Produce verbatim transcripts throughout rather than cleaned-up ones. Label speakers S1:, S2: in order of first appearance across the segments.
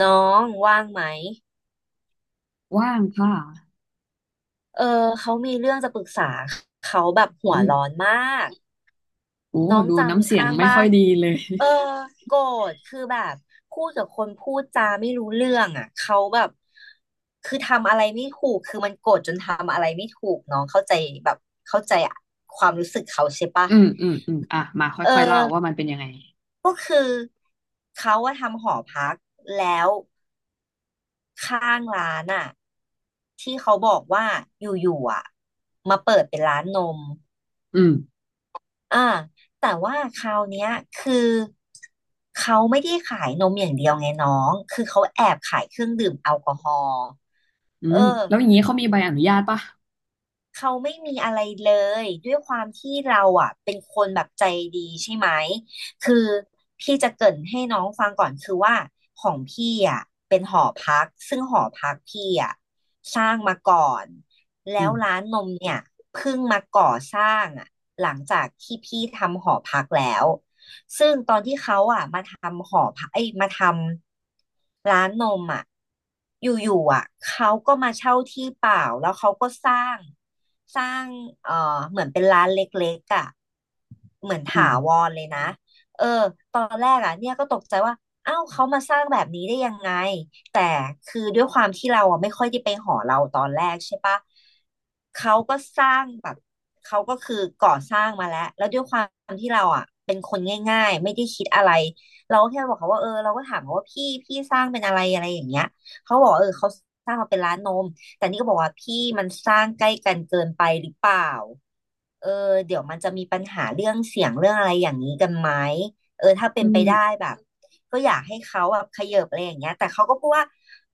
S1: น้องว่างไหม
S2: ว่างค่ะ
S1: เออเขามีเรื่องจะปรึกษาเขาแบบหัว
S2: อืม
S1: ร้อนมาก
S2: โอ้
S1: น้อง
S2: ดู
S1: จำมี
S2: น้ำเสียง
S1: ข้าง
S2: ไม่
S1: บ้า
S2: ค่อย
S1: น
S2: ดีเลย
S1: เออโกรธคือแบบพูดกับคนพูดจาไม่รู้เรื่องอ่ะเขาแบบคือทำอะไรไม่ถูกคือมันโกรธจนทำอะไรไม่ถูกน้องเข้าใจแบบเข้าใจความรู้สึกเขาใช่ปะ
S2: อืมอืมอืมอ่ะมา
S1: เออ
S2: ค่อยๆเล่าว่ามันเป็นยังไง
S1: ก็คือเขาว่าทำหอพักแล้ว ข้างร้านอ่ะที่เขาบอกว่าอยู่ๆอ่ะมาเปิดเป็นร้านนม
S2: อืม
S1: อ่าแต่ว่าคราวเนี้ยคือเขาไม่ได้ขายนมอย่างเดียวไงน้องคือเขาแอบขายเครื่องดื่มแอลกอฮอล์
S2: อื
S1: เออ
S2: มแล้วอย่างนี้เขามีใบอนุญาตปะ
S1: เขาไม่มีอะไรเลยด้วยความที่เราอ่ะเป็นคนแบบใจดีใช่ไหมคือพี่จะเกริ่นให้น้องฟังก่อนคือว่าของพี่อ่ะเป็นหอพักซึ่งหอพักพี่อ่ะสร้างมาก่อน
S2: อื
S1: แล้วร้า
S2: ม
S1: นนมเนี่ยเพิ่งมาก่อสร้างอ่ะหลังจากที่พี่ทำหอพักแล้ว ซึ่งตอนที่เขาอ่ะมาทำหอพักไอ้ยมาทำร้านนมอ่ะอยู่ๆอ่ะเขาก็มาเช่าที่เปล่าแล้วเขาก็สร้างสร้างเอ่อเหมือนเป็นร้านเล็กๆอ่ะเหมือน
S2: อื
S1: ถา
S2: ม
S1: วรเลยนะเออตอนแรกอ่ะเนี่ยก็ตกใจว่าเอ้าวเขามาสร้างแบบนี้ได้ยังไง แต่คือด้วยความที่เราอะไม่ค่อยได้ไปหอเราตอนแรกใช่ปะเขาก็สร้างแบบเขาก็คือก่อสร้างมาแล้วแล้วด้วยความที่เราอ่ะเป็นคนง่ายๆไม่ได้คิดอะไรเราก็แค่บอกเขาว่าเออเราก็ถามเขาว่าพี่พี่สร้างเป็นอะไรอะไรอย่างเงี้ยเขาบอกว่าเออเขาสร้างมาเป็นร้านนมแต่นี่ก็บอกว่าพี่มันสร้างใกล้กันเกินไปหรือเปล่าเออเดี๋ยวมันจะมีปัญหาเรื่องเสียงเรื่องอะไรอย่างนี้กันไหมเออถ้าเป็
S2: อื
S1: นไป
S2: ม
S1: ได้แบบ ก็อยากให้เขาแบบเขยิบอะไรอย่างเงี้ยแต่เขาก็พูดว่า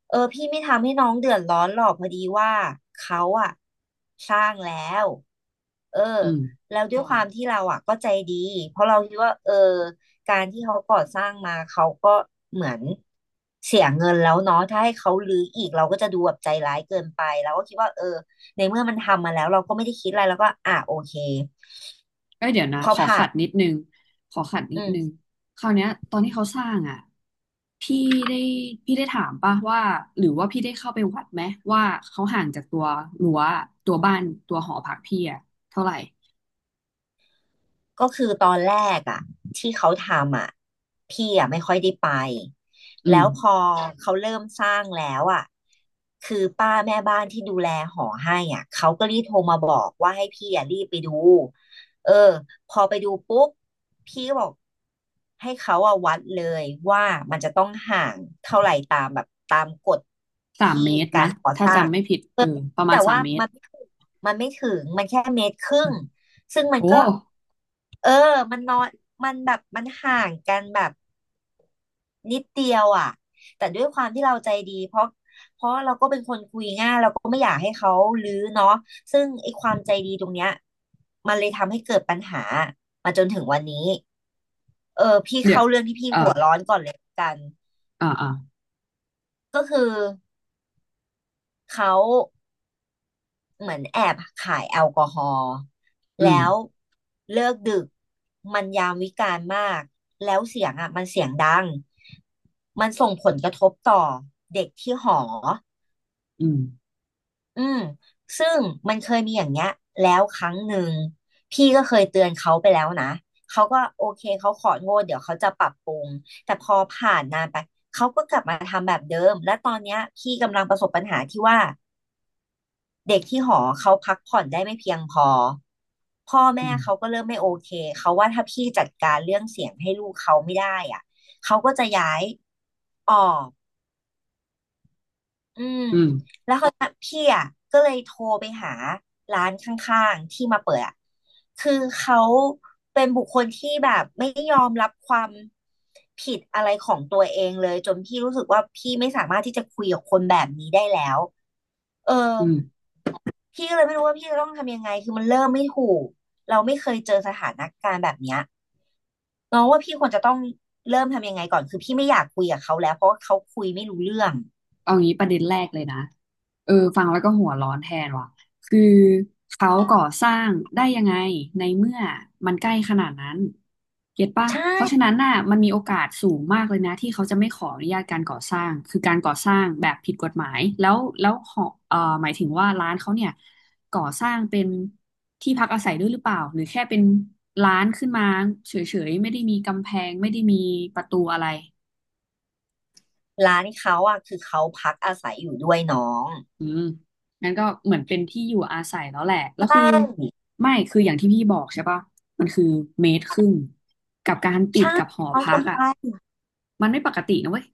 S1: เออพี่ไม่ทำให้น้องเดือดร้อนหรอกพอดีว่าเขาอะสร้างแล้วเออ
S2: อืม
S1: แล้วด้วยความที่เราอะก็ใจดีเพราะเราคิดว่าเออการที่เขาก่อสร้างมาเขาก็เหมือนเสียเงินแล้วเนาะถ้าให้เขารื้ออีกเราก็จะดูแบบใจร้ายเกินไปเราก็คิดว่าเออในเมื่อมันทำมาแล้วเราก็ไม่ได้คิดอะไรแล้วก็อ่ะโอเค
S2: เอ้ยเดี๋ยวนะ ขอขัดนิดนึงขอขัดนิ
S1: อื
S2: ดนึง
S1: ม
S2: คราวเนี้ยตอนที่เขาสร้างอ่ะ พี่ได้พี่ได้ถามปะว่าหรือว่าพี่ได้เข้าไปวัดไหมว่าเขาห่างจากตัวรั้วตัวบ้านตัวหอพักพี่อ่ะเท่าไหร่
S1: ก็คือตอนแรกอ่ะที่เขาทำอ่ะพี่อ่ะไม่ค่อยได้ไป
S2: อืม
S1: แล้วพอเขาเริ่มสร้างแล้วอ่ะคือป้าแม่บ้านที่ดูแลหอให้อ่ะเขาก็รีบโทรมาบอกว่าให้พี่อ่ะรีบไปดูเออพอไปดูปุ๊บพี่ก็บอกให้เขาอ่ะวัดเลยว่ามันจะต้องห่างเท่าไหร่ตามแบบตามกฎ
S2: สามเมตรนะ ถ้าจำไม่ผิดเออประ
S1: แต่
S2: มาณสา
S1: ว่า
S2: มเมต
S1: มั
S2: ร
S1: นมันไม่ถึงมันแค่เมตรครึ่
S2: อื
S1: ง
S2: ม
S1: ซึ่งมัน
S2: โอ้
S1: ก็ เออมันนอนมันแบบมันห่างกันแบบนิดเดียวอ่ะแต่ด้วยความที่เราใจดี เพราะเราก็ไม่อยากให้เขารื้อเนาะซึ่งไอ้ความใจดีตรงเนี้ยมันเลยทำให้เกิดปัญหามาจนถึงวันนี้เออพี่
S2: เดี๋ย
S1: เข้าเรื่องที่พี่
S2: อ่า
S1: หัวร้อนก่อนเลยละกัน
S2: อ่าอ่า
S1: ก็คือเขา เหมือนแอบขายแอลกอฮอล์
S2: อื
S1: แล้
S2: ม
S1: วเลิกดึกมันยามวิกาลมากแล้วเสียงอ่ะมันเสียงดังมันส่งผลกระทบต่อเด็กที่หอ
S2: อืม
S1: อืมซึ่งมันเคยมีอย่างเงี้ยแล้วครั้งหนึ่งพี่ก็เคยเตือนเขาไปแล้วนะเขาก็โอเคเขาของดเดี๋ยวเขาจะปรับปรุงแต่พอผ่านนานไปเขาก็กลับมาทำแบบเดิมและตอนเนี้ยพี่กำลังประสบปัญหาที่ว่าเด็กที่หอเขาพักผ่อนได้ไม่เพียงพอ พ่อ
S2: อื
S1: แม่เขา
S2: ม
S1: ก็เริ่มไม่โอเค เขาว่าถ้าพี่จัดการเรื่องเสียงให้ลูกเขาไม่ได้อ่ะเขาก็จะย้ายออก อืม
S2: อืม
S1: แล้วเขาวนี้พี่อ่ะก็เลยโทรไปหาร้านข้างๆที่มาเปิดอ่ะคือเขาเป็นบุคคลที่แบบไม่ยอมรับความผิดอะไรของตัวเองเลยจนพี่รู้สึกว่าพี่ไม่สามารถที่จะคุยกับคนแบบนี้ได้แล้วเออ
S2: อืม
S1: พี่ก็เลยไม่รู้ว่าพี่จะต้องทำยังไงคือมันเริ่มไม่ถูกเราไม่เคยเจอสถานการณ์แบบเนี้ยน้องว่าพี่ควรจะต้องเริ่มทำยังไงก่อนคือพี่ไม่อยากคุยกับเขาแล้วเพราะว่าเขาคุยไม่รู้เรื่อง
S2: เอางี้ประเด็นแรกเลยนะเออฟังแล้วก็หัวร้อนแทนว่ะคือเขาก่อสร้างได้ยังไงในเมื่อมันใกล้ขนาดนั้น เก็ตปะ
S1: ใช
S2: เพราะฉะ
S1: ่
S2: นั้นน่ะมันมีโอกาสสูงมากเลยนะที่เขาจะไม่ขออนุญาตการก่อสร้างคือการก่อสร้างแบบผิดกฎหมายแล้วแล้วหอเอ่อหมายถึงว่าร้านเขาเนี่ยก่อสร้างเป็นที่พักอาศัยด้วยหรือเปล่าหรือแค่เป็นร้านขึ้นมาเฉยๆไม่ได้มีกำแพงไม่ได้มีประตูอะไร
S1: ร้านเขาอ่ะคือเขาพักอาศัยอยู่ด้วยน้อง
S2: อืมงั้นก็เหมือนเป็นที่อยู่อาศัยแล้วแหละแล้ว
S1: ใช่
S2: คือไม่คืออย่างที่พี่บอกใช่ปะมันคือเมตรครึ่งกับการติด
S1: ใช่
S2: กับหอ
S1: น้อง
S2: พั
S1: ก็
S2: ก
S1: ใไ
S2: อ่ะ
S1: ป
S2: มันไม่ปกตินะเว้ย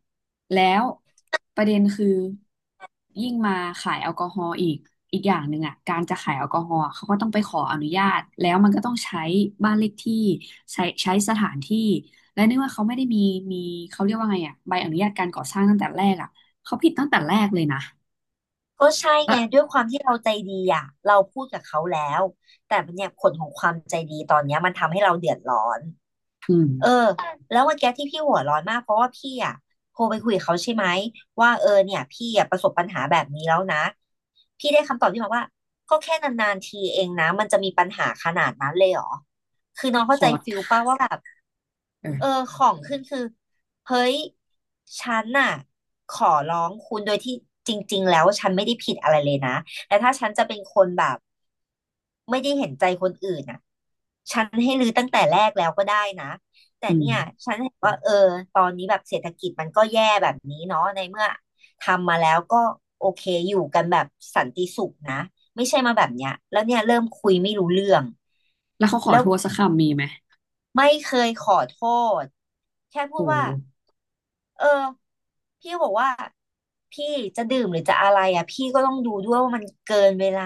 S2: แล้วประเด็นคือยิ่งมาขายแอลกอฮอล์อีกอีกอย่างหนึ่งอ่ะการจะขายแอลกอฮอล์อะเขาก็ต้องไปขออนุญาตแล้วมันก็ต้องใช้บ้านเลขที่ใช้ใช้สถานที่และเนื่องว่าเขาไม่ได้มีมีเขาเรียกว่าไงอ่ะใบอนุญาตการก่อสร้างตั้งแต่แรกอ่ะเขาผิดตั้งแต่แรกเลยนะ
S1: ก็ใช่
S2: แล้
S1: ไง
S2: ว
S1: ด้วยความที่เราใจดีอ่ะเราพูดกับเขาแล้วแต่เนี่ยผลของความใจดีตอนเนี้ยมันทำให้เราเดือดร้อน
S2: อืม
S1: เออแล้วเมั่อกที่พี่หัวร้อนมากเพราะว่าพี่อ่ะโทรไปคุยกับเขาใช่ไหมว่าเออเนี่ยพี่อ่ะประสบปัญหาแบบนี้แล้วนะพี่ได้คำตอบที่มาว่าก็แค่นานๆทีเองนะมันจะมีปัญหาขนาดนั้นเลยเหรอคือน้อง
S2: ข
S1: เข้าใจ
S2: อ
S1: ฟิลป่ะว่าแบบ
S2: เอ
S1: เออ
S2: อ
S1: ของขึ้นคือเฮ้ยฉันน่ะขอร้องคุณโดยที่จริงๆแล้วฉันไม่ได้ผิดอะไรเลยนะแต่ถ้าฉันจะเป็นคนแบบไม่ได้เห็นใจคนอื่นน่ะฉันให้รื้อตั้งแต่แรกแล้วก็ได้นะแต่
S2: อื
S1: เนี่ย
S2: ม
S1: ฉันเห็นว่าเออตอนนี้แบบเศรษฐกิจมันก็แย่แบบนี้เนาะในเมื่อทำมาแล้วก็โอเคอยู่กันแบบสันติสุขนะไม่ใช่มาแบบเนี้ยแล้วเนี่ยเริ่มคุยไม่รู้เรื่อง
S2: แล้วเขาขอ
S1: แล้ว
S2: โทษสักคำมีไหม
S1: ไม่เคยขอโทษแค่พูดว่า
S2: โห
S1: เออพี่ก็บอกว่าพี่จะดื่มหรือจะอะไรอ่ะพี่ก็ต้องดูด้วยว่ามันเกินเวลา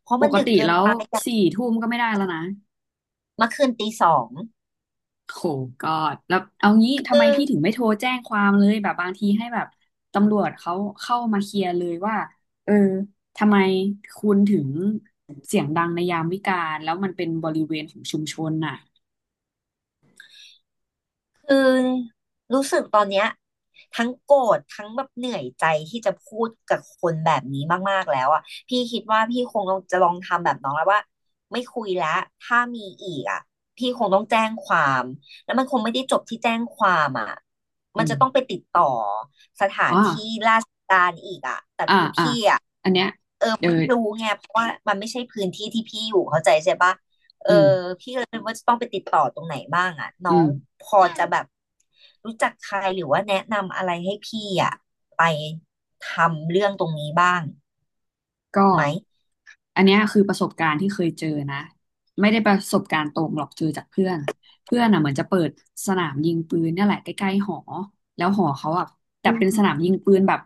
S1: เพราะ
S2: ป
S1: มัน
S2: ก
S1: ดึก
S2: ติ
S1: เกิ
S2: แล้
S1: น
S2: ว
S1: ไป
S2: สี่ทุ่มก็ไม่ได้แล้วนะ
S1: เมื่อคืนตีสอง
S2: โหกอดแล้วเอางี้ทำ
S1: คื
S2: ไม
S1: อ
S2: พี่ถึงไม่โทรแจ้งความเลยแบบบางทีให้แบบตำรวจเขาเข้ามาเคลียร์เลยว่าเออทำไมคุณถึงเสียงดังในยามวิกาลแล้วมันเป็นบริเวณของชุมชนน่ะ
S1: คือรู้สึกตอนเนี้ยทั้งโกรธทั้งแบบเหนื่อยใจที่จะพูดกับคนแบบนี้มากๆแล้วอ่ะพี่คิดว่าพี่คงต้องจะลองทำแบบน้องแล้วว่าไม่คุยแล้วถ้ามีอีกอ่ะพี่คงต้องแจ้งความแล้วมันคงไม่ได้จบที่แจ้งความอ่ะมั
S2: อื
S1: นจะ
S2: ม
S1: ต้องไปติดต่อสถาน
S2: อ๋อ
S1: ที่
S2: อ่าอ่าอันเนี้ยเดออ
S1: ไม่รู้ไงเพราะว่ามันไม่ใช่พื้นที่ที่พี่อยู่เข้าใจใช่ปะเออ
S2: อืม
S1: พี่ก็เลยไม่รู้ว่าจะต้องไปติดต่อตรงไหนบ้างอ่ะน้อ
S2: อื
S1: ง
S2: ม
S1: พออืมจะแบบรู้จักใครหรือว่าแนะนำอะไรให้พี่อ่ะไปทำเรื่องตรงนี้บ้าง
S2: ก็
S1: ไหม
S2: อันเนี้ยคือประสบการณ์ที่เคยเจอนะไม่ได้ประสบการณ์ตรงหรอกเจอจากเพื่อนเพื่อนอ่ะเหมือนจะเปิดสนามยิงปืนเนี่ยแหละใกล้ๆหอแล้วหอเขาอ่ะแต่
S1: อื
S2: เป็นสนา
S1: ม
S2: มยิงปืนแบบ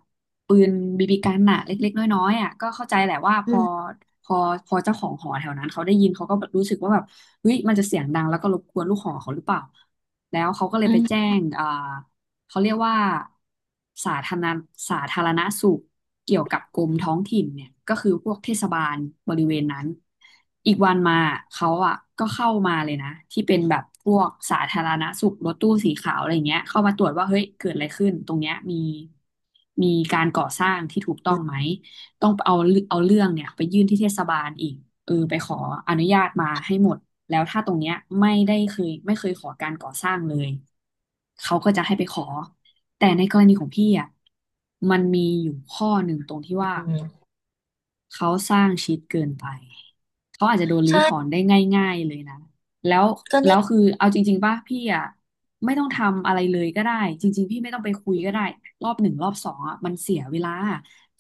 S2: ปืนบีบีกันน่ะเล็กๆน้อยๆอ่ะก็เข้าใจแหละว่าพ
S1: อื
S2: อ
S1: ม
S2: พอพอเจ้าของหอแถวนั้นเขาได้ยินเขาก็แบบรู้สึกว่าแบบเฮ้ยมันจะเสียงดังแล้วก็รบกวนลูกหอเขาหรือเปล่าแล้วเขาก็เลย
S1: อื
S2: ไป
S1: ม
S2: แจ้งอ่า เขาเรียกว่าสาธารณสาธารณสุขเกี่ยวกับกรมท้องถิ่นเนี่ยก็คือพวกเทศบาลบริเวณนั้นอีกวันมาเขาอ่ะก็เข้ามาเลยนะที่เป็นแบบพวกสาธารณสุขรถตู้สีขาวอะไรเงี้ยเข้ามาตรวจว่าเฮ้ยเกิดอะไรขึ้นตรงเนี้ยมีมีการก่อสร้างที่ถูกต้องไหม ต้องเอาเอาเรื่องเนี่ยไปยื่นที่เทศบาลอีกเออไปขออนุญาตมาให้หมดแล้วถ้าตรงเนี้ยไม่ได้เคยไม่เคยขอการก่อสร้างเลยเขาก็จะให้ไปขอแต่ในกรณีของพี่อ่ะมันมีอยู่ข้อหนึ่งตรงที่ว่า
S1: อืม
S2: เขาสร้างชิดเกินไป เขาอาจจะโดนรื้อถอน
S1: ใช่
S2: ได้ง่ายๆเลยนะ แล้ว
S1: ก็
S2: แล้
S1: นี่
S2: วคือเอาจริงๆป่ะพี่อ่ะไม่ต้องทำอะไรเลยก็ได้จริงๆพี่ไม่ต้องไปคุยก็ได้รอบหนึ่งรอบสองอ่ะมันเสียเวลา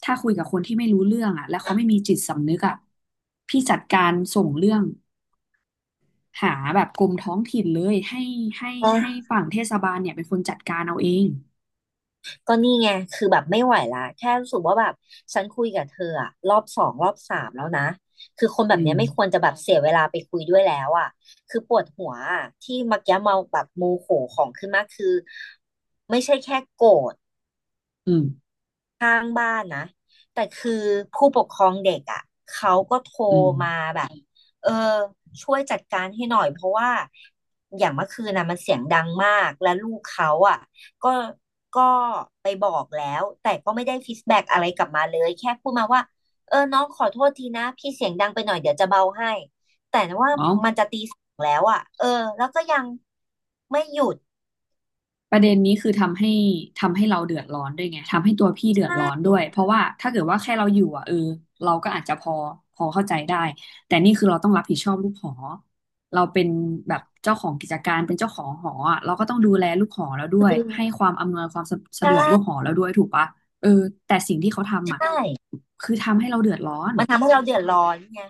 S2: ถ้าคุยกับคนที่ไม่รู้เรื่องอ่ะแล้วเขาไม่มีจิตสำนึกอ่ะพี่จัดการส่งเรื่องหาแบบกรมท้องถิ่นเลยให้ให้ให้
S1: ไง
S2: ฝั่งเทศบาลเนี่ยเป็นคนจัดการเอาเอง
S1: ก็นี่ไง คือแบบไม่ไหวละแค่รู้สึกว่าแบบฉันคุยกับเธออะรอบสองรอบสามแล้วนะ คือคนแบบ
S2: อื
S1: เนี้
S2: ม
S1: ยไม่ควรจะแบบเสียเวลาไปคุยด้วยแล้วอะคือปวดหัวอะที่เมักยะเมาแบบโมโหของขึ้นมากคือไม่ใช่แค่โกรธ
S2: อืม
S1: ข้างบ้านนะแต่คือผู้ปกครองเด็กอ่ะเขาก็โทร
S2: อืม
S1: มาแบบเออช่วยจัดการให้หน่อยเพราะว่าอย่างเมื่อคืนนะมันเสียงดังมากและลูกเขาอ่ะก็ก็ไปบอกแล้วแต่ก็ไม่ได้ฟีดแบ็กอะไรกลับมาเลยแค่พูดมาว่าเออน้องขอโทษทีนะพี่เสียงดังไปหน่อยเดี๋ยวจะเบาให้แต่ว่า
S2: อ๋อ
S1: มันจะตีสองแล้วอ่ะเออแล้วก็ยังไม่หยุด
S2: ประเด็นนี้คือทำให้ทำให้เราเดือดร้อนด้วยไงทำให้ตัวพี่
S1: ใช
S2: เดือดร้อน
S1: ่
S2: ด้วยเพราะว่าถ้าเกิดว่าแค่เราอยู่อ่ะเออเราก็อาจจะพอพอเข้าใจได้แต่นี่คือเราต้องรับผิดชอบลูกหอเราเป็นแบบเจ้าของกิจการเป็นเจ้าของหออ่ะเราก็ต้องดูแลลูกหอแล้วด้วยให้ความอำนวยความสะสะดวกลูก
S1: ใช่
S2: หอแล้วด้วยถูกปะเออแต่สิ่งที่เขา
S1: ใช
S2: ทำอ่ะ
S1: ่
S2: คือทำให้เราเดือดร้อน
S1: มันทำให้เราเดือดร้อนไง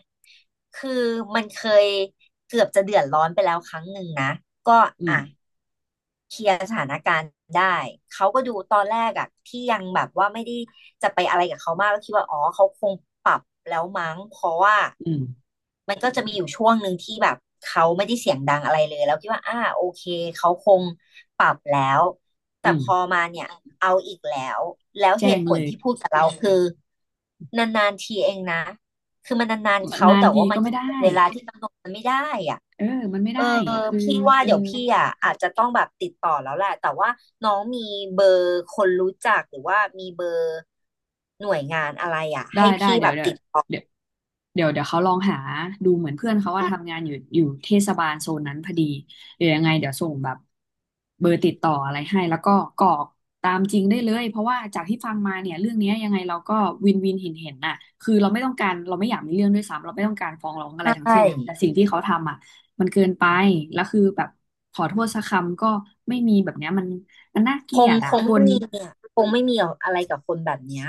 S1: คือมันเคยเกือบจะเดือดร้อนไปแล้วครั้งหนึ่งนะก็
S2: อื
S1: อ่ะ
S2: ม
S1: เคลียร์สถานการณ์ได้เขาก็ดูตอนแรกอะที่ยังแบบว่าไม่ได้จะไปอะไรกับเขามากก็คิดว่าอ๋อเขาคงปรับแล้วมั้งเพราะว่า
S2: อืม
S1: มันก็จะมีอยู่ช่วงหนึ่งที่แบบเขาไม่ได้เสียงดังอะไรเลยแล้วคิดว่าอ่าโอเคเขาคงปรับแล้วแต่
S2: อื
S1: พอ
S2: ม
S1: มาเนี่ยเอาอีกแล้วแล้วเห
S2: แจ้ง
S1: ตุผ
S2: เล
S1: ล
S2: ย
S1: ที่พูดกับเราคือนานๆทีเองนะ คือมันนานๆเขา
S2: นาน
S1: แต่
S2: ที
S1: ว่ามั
S2: ก็
S1: นก็
S2: ไม่
S1: เกิ
S2: ได้
S1: นเวลาที่กำหนดมันไม่ได้อ่ะ
S2: เออมันไม่
S1: เอ
S2: ได้
S1: อ
S2: คือ
S1: พี่ว่า
S2: เออ
S1: เดี๋ยวพี่อ่ะอาจจะต้องแบบติดต่อแล้วแหละแต่ว่าน้องมีเบอร์คนรู้จักหรือว่ามีเบอร์หน่วยงานอะไรอ่ะ
S2: ได้
S1: ให้
S2: ได้
S1: พี่
S2: เดี๋
S1: แบ
S2: ยว
S1: บ
S2: เดี๋ย
S1: ติ
S2: ว
S1: ด
S2: เดี๋ยวเดี๋ยวเดี๋ยวเขาลองหาดูเหมือนเพื่อนเขาว่าทำงานอยู่อยู่เทศบาลโซนนั้นพอดีเดี๋ยวยังไงเดี๋ยวส่งแบบเบอร์ติดต่ออะไรให้แล้วก็กรอกตามจริงได้เลยเพราะว่าจากที่ฟังมาเนี่ยเรื่องเนี้ยยังไงเราก็วินวินเห็นเห็นน่ะคือเราไม่ต้องการเราไม่อยากมีเรื่องด้วยซ้ำเราไม่ต้องการฟ้องร้องอะไรทั้ง
S1: ใช่
S2: สิ้นแต่สิ่งที่เขาทำอ่ะมันเกินไปแล้วคือแบบขอโทษสักคำก็ไม่มีแบบเนี้ยมันมันน่าเก
S1: ค
S2: ลีย
S1: ง
S2: ด
S1: ค
S2: อ่ะ
S1: ง
S2: ค
S1: ไม่
S2: น
S1: มีเนี่ยคงไม่มีอะไรกับคนแบบเนี้ย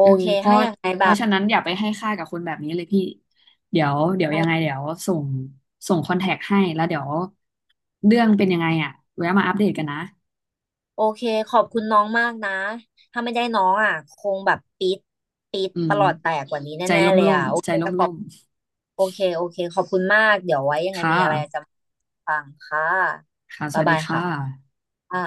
S2: เออเพราะเพราะฉะนั้นอย่าไปให้ค่ากับคนแบบนี้เลยพี่เดี๋ยวเดี๋ยวยังไงเดี๋ยวส่งส่งคอนแทคให้แล้วเดี๋ยวเรื่องเป็นยังไงอ่ะแวะมาอัปเดตกันนะ
S1: โอเคขอบคุณน้องมากนะถ้าไม่ได้น้องอ่ะคงแบบปี๊ดปี๊ด
S2: อื
S1: ป
S2: ม
S1: ระหลอดแตกกว่านี้
S2: ใจ
S1: แน่
S2: ล
S1: ๆเลย
S2: ่
S1: อ่ะ
S2: ม
S1: โอ
S2: ๆใจ
S1: เค
S2: ล
S1: ขอบ
S2: ่ม
S1: โอเคโอเคขอบคุณมากเดี๋ยวไว้ยัง
S2: ๆ
S1: ไงมี
S2: ค่ะ
S1: อะไรจะ ฟังค่ะ
S2: ค่ะส
S1: บ๊าย
S2: วัส
S1: บา
S2: ดี
S1: ย
S2: ค่ะ
S1: ค่ะอ่า